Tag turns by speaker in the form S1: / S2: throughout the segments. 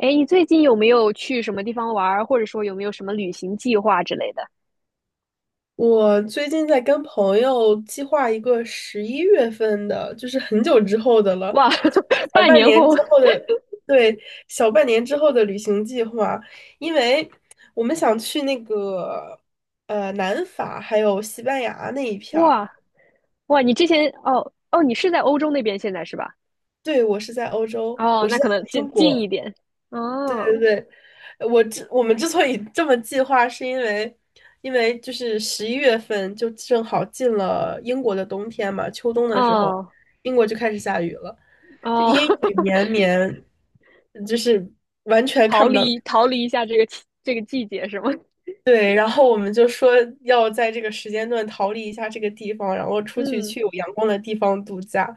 S1: 哎，你最近有没有去什么地方玩儿，或者说有没有什么旅行计划之类的？
S2: 我最近在跟朋友计划一个11月份的，就是很久之后的了，
S1: 哇，
S2: 就 小
S1: 半
S2: 半
S1: 年
S2: 年
S1: 后。
S2: 之后的，对，小半年之后的旅行计划，因为我们想去那个南法还有西班牙那一片儿。
S1: 哇哇，你之前，你是在欧洲那边现在是吧？
S2: 对，我是在欧洲，
S1: 哦，
S2: 我是
S1: 那
S2: 在
S1: 可能近
S2: 英
S1: 近一
S2: 国。
S1: 点。哦
S2: 我们之所以这么计划，是因为就是十一月份就正好进了英国的冬天嘛，秋冬的时候，
S1: 哦
S2: 英国就开始下雨了。就
S1: 哦，
S2: 阴雨 绵绵，就是完全
S1: 逃
S2: 看不到。
S1: 离逃离一下这个季节是吗？
S2: 对，然后我们就说要在这个时间段逃离一下这个地方，然后出去
S1: 嗯，
S2: 去有阳光的地方度假，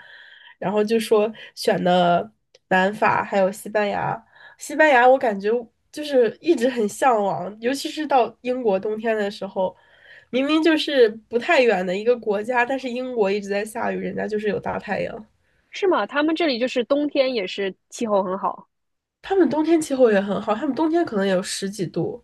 S2: 然后就说选的南法还有西班牙。西班牙我感觉就是一直很向往，尤其是到英国冬天的时候，明明就是不太远的一个国家，但是英国一直在下雨，人家就是有大太阳。
S1: 是吗？他们这里就是冬天也是气候很好。
S2: 他们冬天气候也很好，他们冬天可能也有十几度。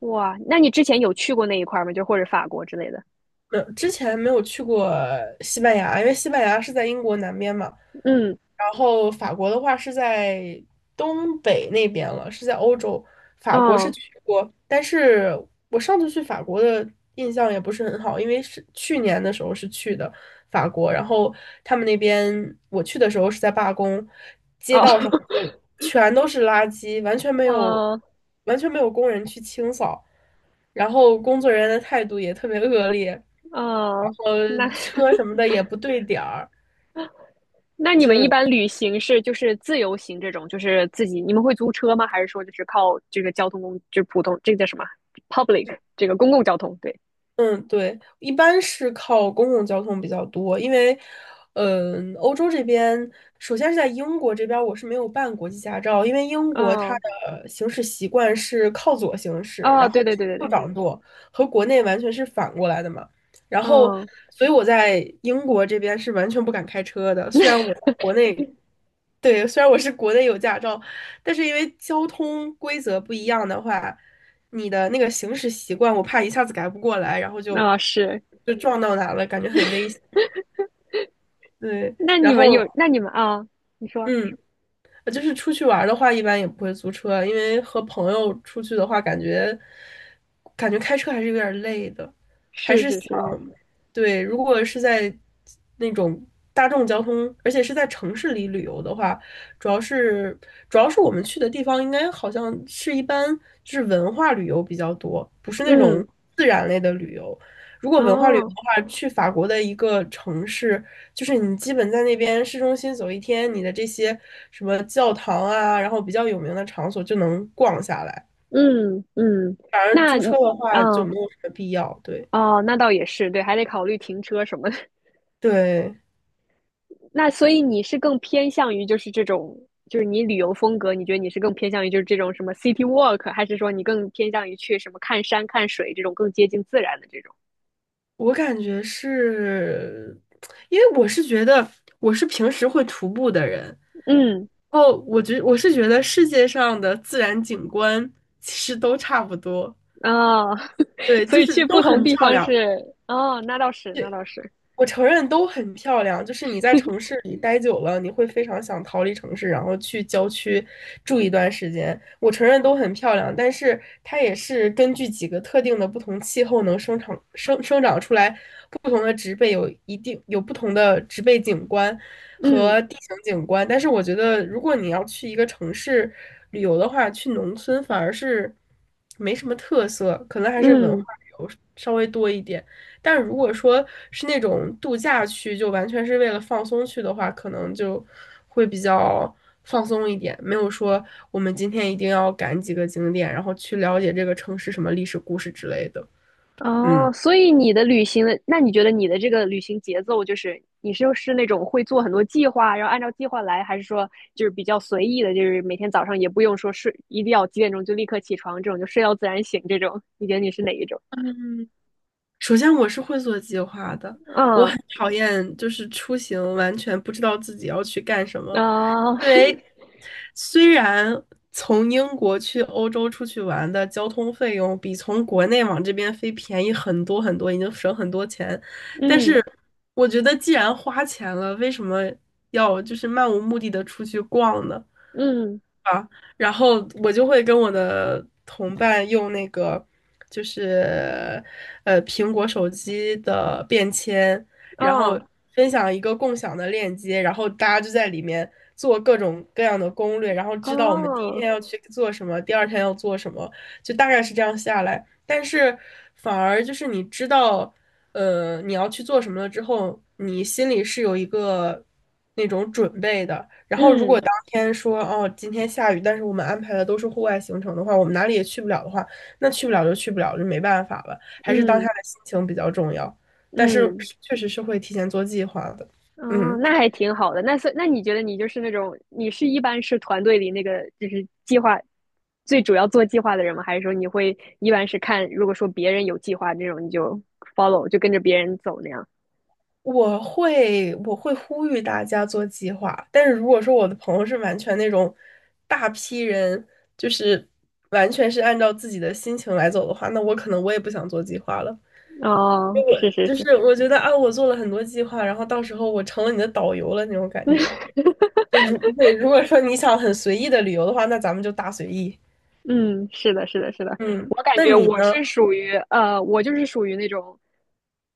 S1: 哇，那你之前有去过那一块儿吗？就或者法国之类的？
S2: 没有之前没有去过西班牙，因为西班牙是在英国南边嘛。
S1: 嗯，
S2: 然后法国的话是在东北那边了，是在欧洲。法国是
S1: 哦
S2: 去过，但是我上次去法国的印象也不是很好，因为是去年的时候是去的法国，然后他们那边我去的时候是在罢工，街
S1: 哦，
S2: 道上就全都是垃圾，完全 没有
S1: 哦
S2: 完全没有工人去清扫。然后工作人员的态度也特别恶劣，然
S1: 哦，
S2: 后
S1: 那
S2: 车 什么的也不对点儿，
S1: 那你们一
S2: 就
S1: 般旅行是就是自由行这种，就是自己，你们会租车吗？还是说就是靠这个交通工，就是普通，这个叫什么？Public，这个公共交通，对，
S2: 嗯，对，一般是靠公共交通比较多，因为，嗯，欧洲这边，首先是在英国这边，我是没有办国际驾照，因为英国它
S1: 嗯，
S2: 的行驶习惯是靠左行驶，
S1: 哦，
S2: 然
S1: 对
S2: 后
S1: 对对对
S2: 右
S1: 对，
S2: 掌舵，和国内完全是反过来的嘛。然后，
S1: 嗯，
S2: 所以我在英国这边是完全不敢开车的，虽然我在国内对，虽然我是国内有驾照，但是因为交通规则不一样的话，你的那个行驶习惯，我怕一下子改不过来，然后就
S1: 那是，
S2: 就撞到哪了，感觉很危险。对，然后
S1: 那你们啊、你说
S2: 嗯，就是出去玩儿的话，一般也不会租车，因为和朋友出去的话，感觉开车还是有点儿累的，还
S1: 是
S2: 是
S1: 是是
S2: 想，
S1: 是，
S2: 对，如果是在那种大众交通，而且是在城市里旅游的话，主要是主要是我们去的地方，应该好像是一般就是文化旅游比较多，不是那种
S1: 嗯，
S2: 自然类的旅游。如果文化旅游的
S1: 哦，
S2: 话，去法国的一个城市，就是你基本在那边市中心走一天，你的这些什么教堂啊，然后比较有名的场所就能逛下来。
S1: 嗯，
S2: 反而
S1: 那
S2: 租
S1: 你，
S2: 车的话就
S1: 嗯，
S2: 没有什么必要。对，
S1: 哦，那倒也是，对，还得考虑停车什么的，
S2: 对，
S1: 那所以你是更偏向于就是这种，就是你旅游风格，你觉得你是更偏向于就是这种什么 city walk，还是说你更偏向于去什么看山看水这种更接近自然的这种？
S2: 我感觉是，因为我是觉得我是平时会徒步的人，
S1: 嗯，
S2: 然后我是觉得世界上的自然景观其实都差不多，
S1: 啊，
S2: 对，
S1: 所
S2: 就
S1: 以
S2: 是
S1: 去不
S2: 都
S1: 同
S2: 很
S1: 地
S2: 漂
S1: 方
S2: 亮。
S1: 是，哦，那倒是，
S2: 我承认都很漂亮，就是你在城市里待久了，你会非常想逃离城市，然后去郊区住一段时间。我承认都很漂亮，但是它也是根据几个特定的不同气候能生长出来不同的植被，有一定有不同的植被景观
S1: 嗯
S2: 和地形景观。但是我觉得，如果你要去一个城市旅游的话，去农村反而是没什么特色，可能还是文化
S1: 嗯。
S2: 旅游稍微多一点。但如果说是那种度假区，就完全是为了放松去的话，可能就会比较放松一点，没有说我们今天一定要赶几个景点，然后去了解这个城市什么历史故事之类的。嗯，
S1: 哦，所以你的旅行的，那你觉得你的这个旅行节奏就是，你是那种会做很多计划，然后按照计划来，还是说就是比较随意的，就是每天早上也不用说睡，一定要几点钟就立刻起床，这种就睡到自然醒这种？你觉得你是哪一种？
S2: 首先我是会做计划的，我
S1: 嗯，
S2: 很讨厌就是出行完全不知道自己要去干什么，
S1: 啊，
S2: 因为虽然。从英国去欧洲出去玩的交通费用比从国内往这边飞便宜很多很多，已经省很多钱，
S1: 嗯
S2: 我觉得既然花钱了，为什么要就是漫无目的的出去逛呢？
S1: 嗯，
S2: 然后我就会跟我的同伴用那个，就是苹果手机的便签，然后
S1: 哦
S2: 分享一个共享的链接，然后大家就在里面做各种各样的攻略，然后知道我们第一
S1: 哦，
S2: 天要去做什么，第二天要做什么，就大概是这样下来。但是反而就是你知道。你要去做什么了之后，你心里是有一个那种准备的。然后，如果
S1: 嗯
S2: 当天说哦，今天下雨，但是我们安排的都是户外行程的话，我们哪里也去不了的话，那去不了就去不了，就没办法了。还是当下
S1: 嗯
S2: 的心情比较重要，但是
S1: 嗯
S2: 确实是会提前做计划的。
S1: 哦，
S2: 嗯，
S1: 那还挺好的。那是，那你觉得你就是那种，你是一般是团队里那个就是计划最主要做计划的人吗？还是说你会一般是看，如果说别人有计划这种，你就 follow 就跟着别人走那样？
S2: 我会呼吁大家做计划，但是如果说我的朋友是完全那种大批人，就是完全是按照自己的心情来走的话，那我可能我也不想做计划了，因
S1: 哦，
S2: 为我
S1: 是是
S2: 就
S1: 是，
S2: 是我觉得啊，我做了很多计划，然后到时候我成了你的导游了那种感觉。对，如果说你想很随意的旅游的话，那咱们就大随意。
S1: 嗯，是的，
S2: 嗯，
S1: 我感
S2: 那
S1: 觉
S2: 你
S1: 我
S2: 呢？
S1: 是属于我就是属于那种，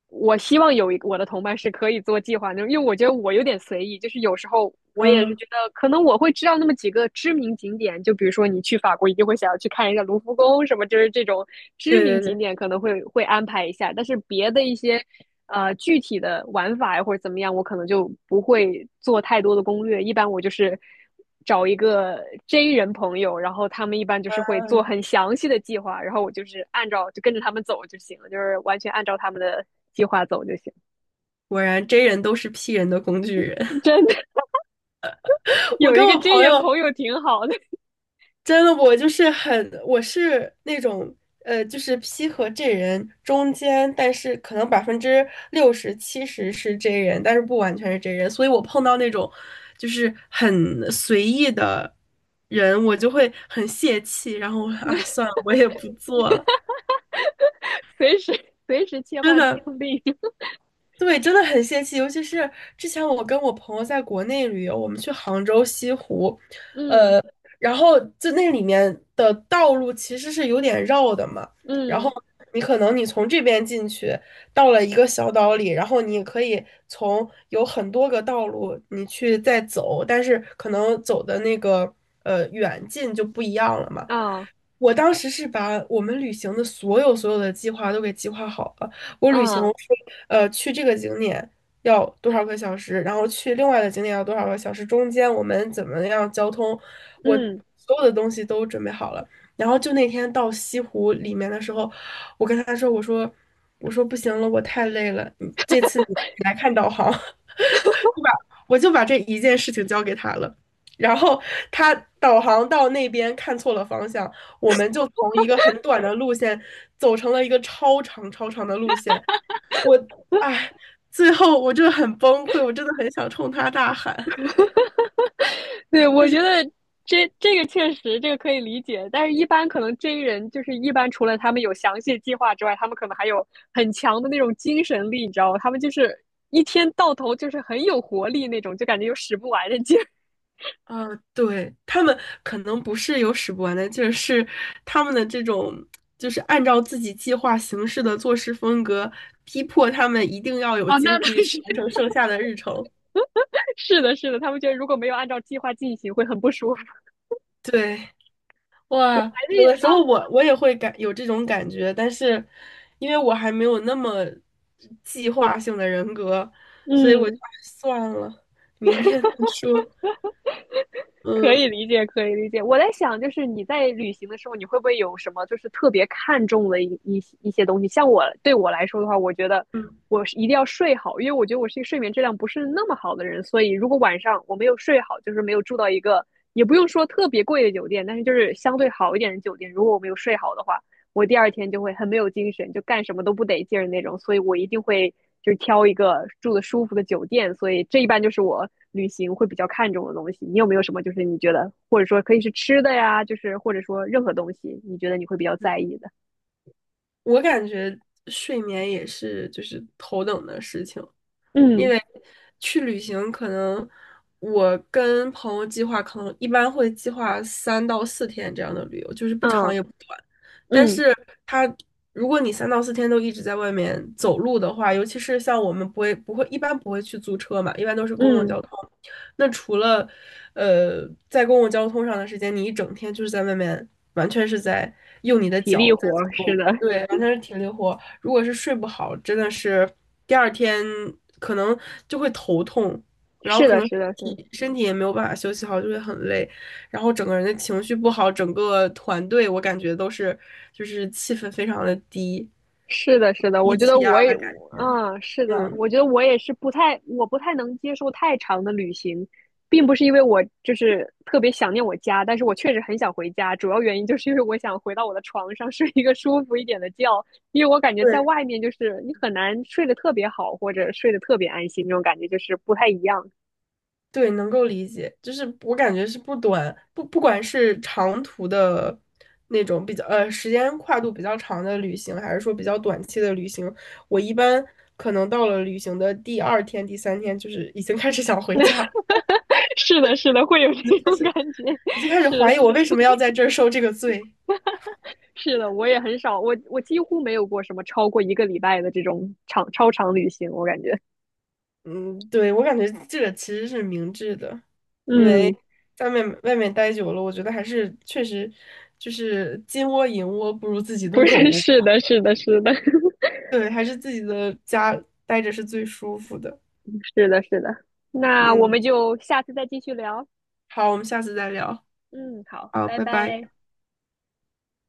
S1: 我希望有一个我的同伴是可以做计划那种，因为我觉得我有点随意，就是有时候我也是
S2: 嗯，
S1: 觉得可能我会知道那么几个知名景点，就比如说你去法国一定会想要去看一下卢浮宫什么，就是这种知
S2: 对
S1: 名
S2: 对
S1: 景
S2: 对，
S1: 点可能会安排一下，但是别的一些具体的玩法呀或者怎么样，我可能就不会做太多的攻略，一般我就是。找一个 J 人朋友，然后他们一般就是会做很详细的计划，然后我就是按照就跟着他们走就行了，就是完全按照他们的计划走就行。
S2: 果然 J 人都是 P 人的工具人。
S1: 真的，
S2: 我
S1: 有一
S2: 跟
S1: 个
S2: 我
S1: J
S2: 朋友，
S1: 人朋友挺好的，
S2: 真的，我就是很，我是那种，就是 P 和 J 人中间，但是可能60%、70%是 J 人，但是不完全是 J 人，所以我碰到那种就是很随意的人，我就会很泄气，然后啊，算了，我也不做了，
S1: 随时切
S2: 真
S1: 换
S2: 的，
S1: 场地。
S2: 对，真的很泄气，尤其是之前我跟我朋友在国内旅游，我们去杭州西湖，
S1: 嗯
S2: 呃，然后就那里面的道路其实是有点绕的嘛，然后
S1: 嗯
S2: 你可能你从这边进去，到了一个小岛里，然后你可以从有很多个道路你去再走，但是可能走的那个远近就不一样了嘛。
S1: 啊
S2: 我当时是把我们旅行的所有所有的计划都给计划好了。我旅行我
S1: 啊
S2: 说，去这个景点要多少个小时，然后去另外的景点要多少个小时，中间我们怎么样交通，我
S1: 嗯。
S2: 所有的东西都准备好了。然后就那天到西湖里面的时候，我跟他说："我说不行了，我太累了，你这次你来看导航。"对吧。我就把这一件事情交给他了，然后他导航到那边看错了方向，我们就从一个很短的路线走成了一个超长超长的路线。我，哎，最后我真的很崩溃，我真的很想冲他大喊。
S1: 对，我觉得这个确实这个可以理解，但是一般可能 J 人就是一般除了他们有详细的计划之外，他们可能还有很强的那种精神力，你知道吗？他们就是一天到头就是很有活力那种，就感觉有使不完的劲儿。
S2: 啊，对，他们可能不是有使不完的劲儿，是他们的这种就是按照自己计划行事的做事风格，逼迫他们一定要有
S1: 啊，那
S2: 精力
S1: 那
S2: 去
S1: 是
S2: 完成剩下的日程。
S1: 是的，他们觉得如果没有按照计划进行，会很不舒服。
S2: 对。
S1: 我
S2: 哇，
S1: 还是
S2: 有的时候
S1: 啊，
S2: 我也会有这种感觉，但是因为我还没有那么计划性的人格，所以我就
S1: 嗯。
S2: 哎算了，明天再说。
S1: 可
S2: 嗯
S1: 以理解，可以理解。我在想，就是你在旅行的时候，你会不会有什么就是特别看重的一些东西？像对我来说的话，我觉得
S2: 嗯，
S1: 我是一定要睡好，因为我觉得我是一个睡眠质量不是那么好的人，所以如果晚上我没有睡好，就是没有住到一个也不用说特别贵的酒店，但是就是相对好一点的酒店，如果我没有睡好的话，我第二天就会很没有精神，就干什么都不得劲儿那种，所以我一定会就是挑一个住的舒服的酒店，所以这一般就是我旅行会比较看重的东西。你有没有什么就是你觉得，或者说可以是吃的呀，就是或者说任何东西，你觉得你会比较在意的？
S2: 我感觉睡眠也是就是头等的事情，因
S1: 嗯
S2: 为去旅行可能我跟朋友计划，可能一般会计划三到四天这样的旅游，就是不长
S1: 嗯
S2: 也不短。但
S1: 嗯
S2: 是它，如果你三到四天都一直在外面走路的话，尤其是像我们不会不会一般不会去租车嘛，一般都是公共
S1: 嗯，
S2: 交通。那除了在公共交通上的时间，你一整天就是在外面，完全是在用你的
S1: 体力
S2: 脚。
S1: 活儿，是的，
S2: 对，完全是挺灵活。如果是睡不好，真的是第二天可能就会头痛，然后
S1: 是
S2: 可
S1: 的，
S2: 能
S1: 是的，
S2: 身
S1: 是的。
S2: 体身体也没有办法休息好，就会很累，然后整个人的情绪不好，整个团队我感觉都是就是气氛非常的低，
S1: 是的，我
S2: 低
S1: 觉得
S2: 气
S1: 我
S2: 压
S1: 也，
S2: 的感觉。
S1: 嗯，是的，
S2: 嗯，
S1: 我觉得我也是不太，我不太能接受太长的旅行，并不是因为我就是特别想念我家，但是我确实很想回家，主要原因就是因为我想回到我的床上睡一个舒服一点的觉，因为我感觉在
S2: 对。
S1: 外面就是你很难睡得特别好，或者睡得特别安心，那种感觉就是不太一样。
S2: 对，能够理解，就是我感觉是不短不不管是长途的那种比较时间跨度比较长的旅行，还是说比较短期的旅行，我一般可能到了旅行的第二天、第三天，就是已经开始想回家了。
S1: 是的，会有这种感觉。
S2: 已经 开始
S1: 是的，
S2: 怀疑我为什么要在这儿受这个罪。
S1: 是的，我也很少，我几乎没有过什么超过一个礼拜的这种超长旅行，我感觉，
S2: 嗯，对，我感觉这个其实是明智的，因为
S1: 嗯，
S2: 在外面外面待久了，我觉得还是确实就是金窝银窝不如自己
S1: 不
S2: 的狗
S1: 是，
S2: 窝。
S1: 是的，
S2: 对，还是自己的家待着是最舒服的。
S1: 是的。那我们
S2: 嗯，
S1: 就下次再继续聊。
S2: 好，我们下次再聊。
S1: 嗯，好，
S2: 好，
S1: 拜
S2: 拜拜。
S1: 拜。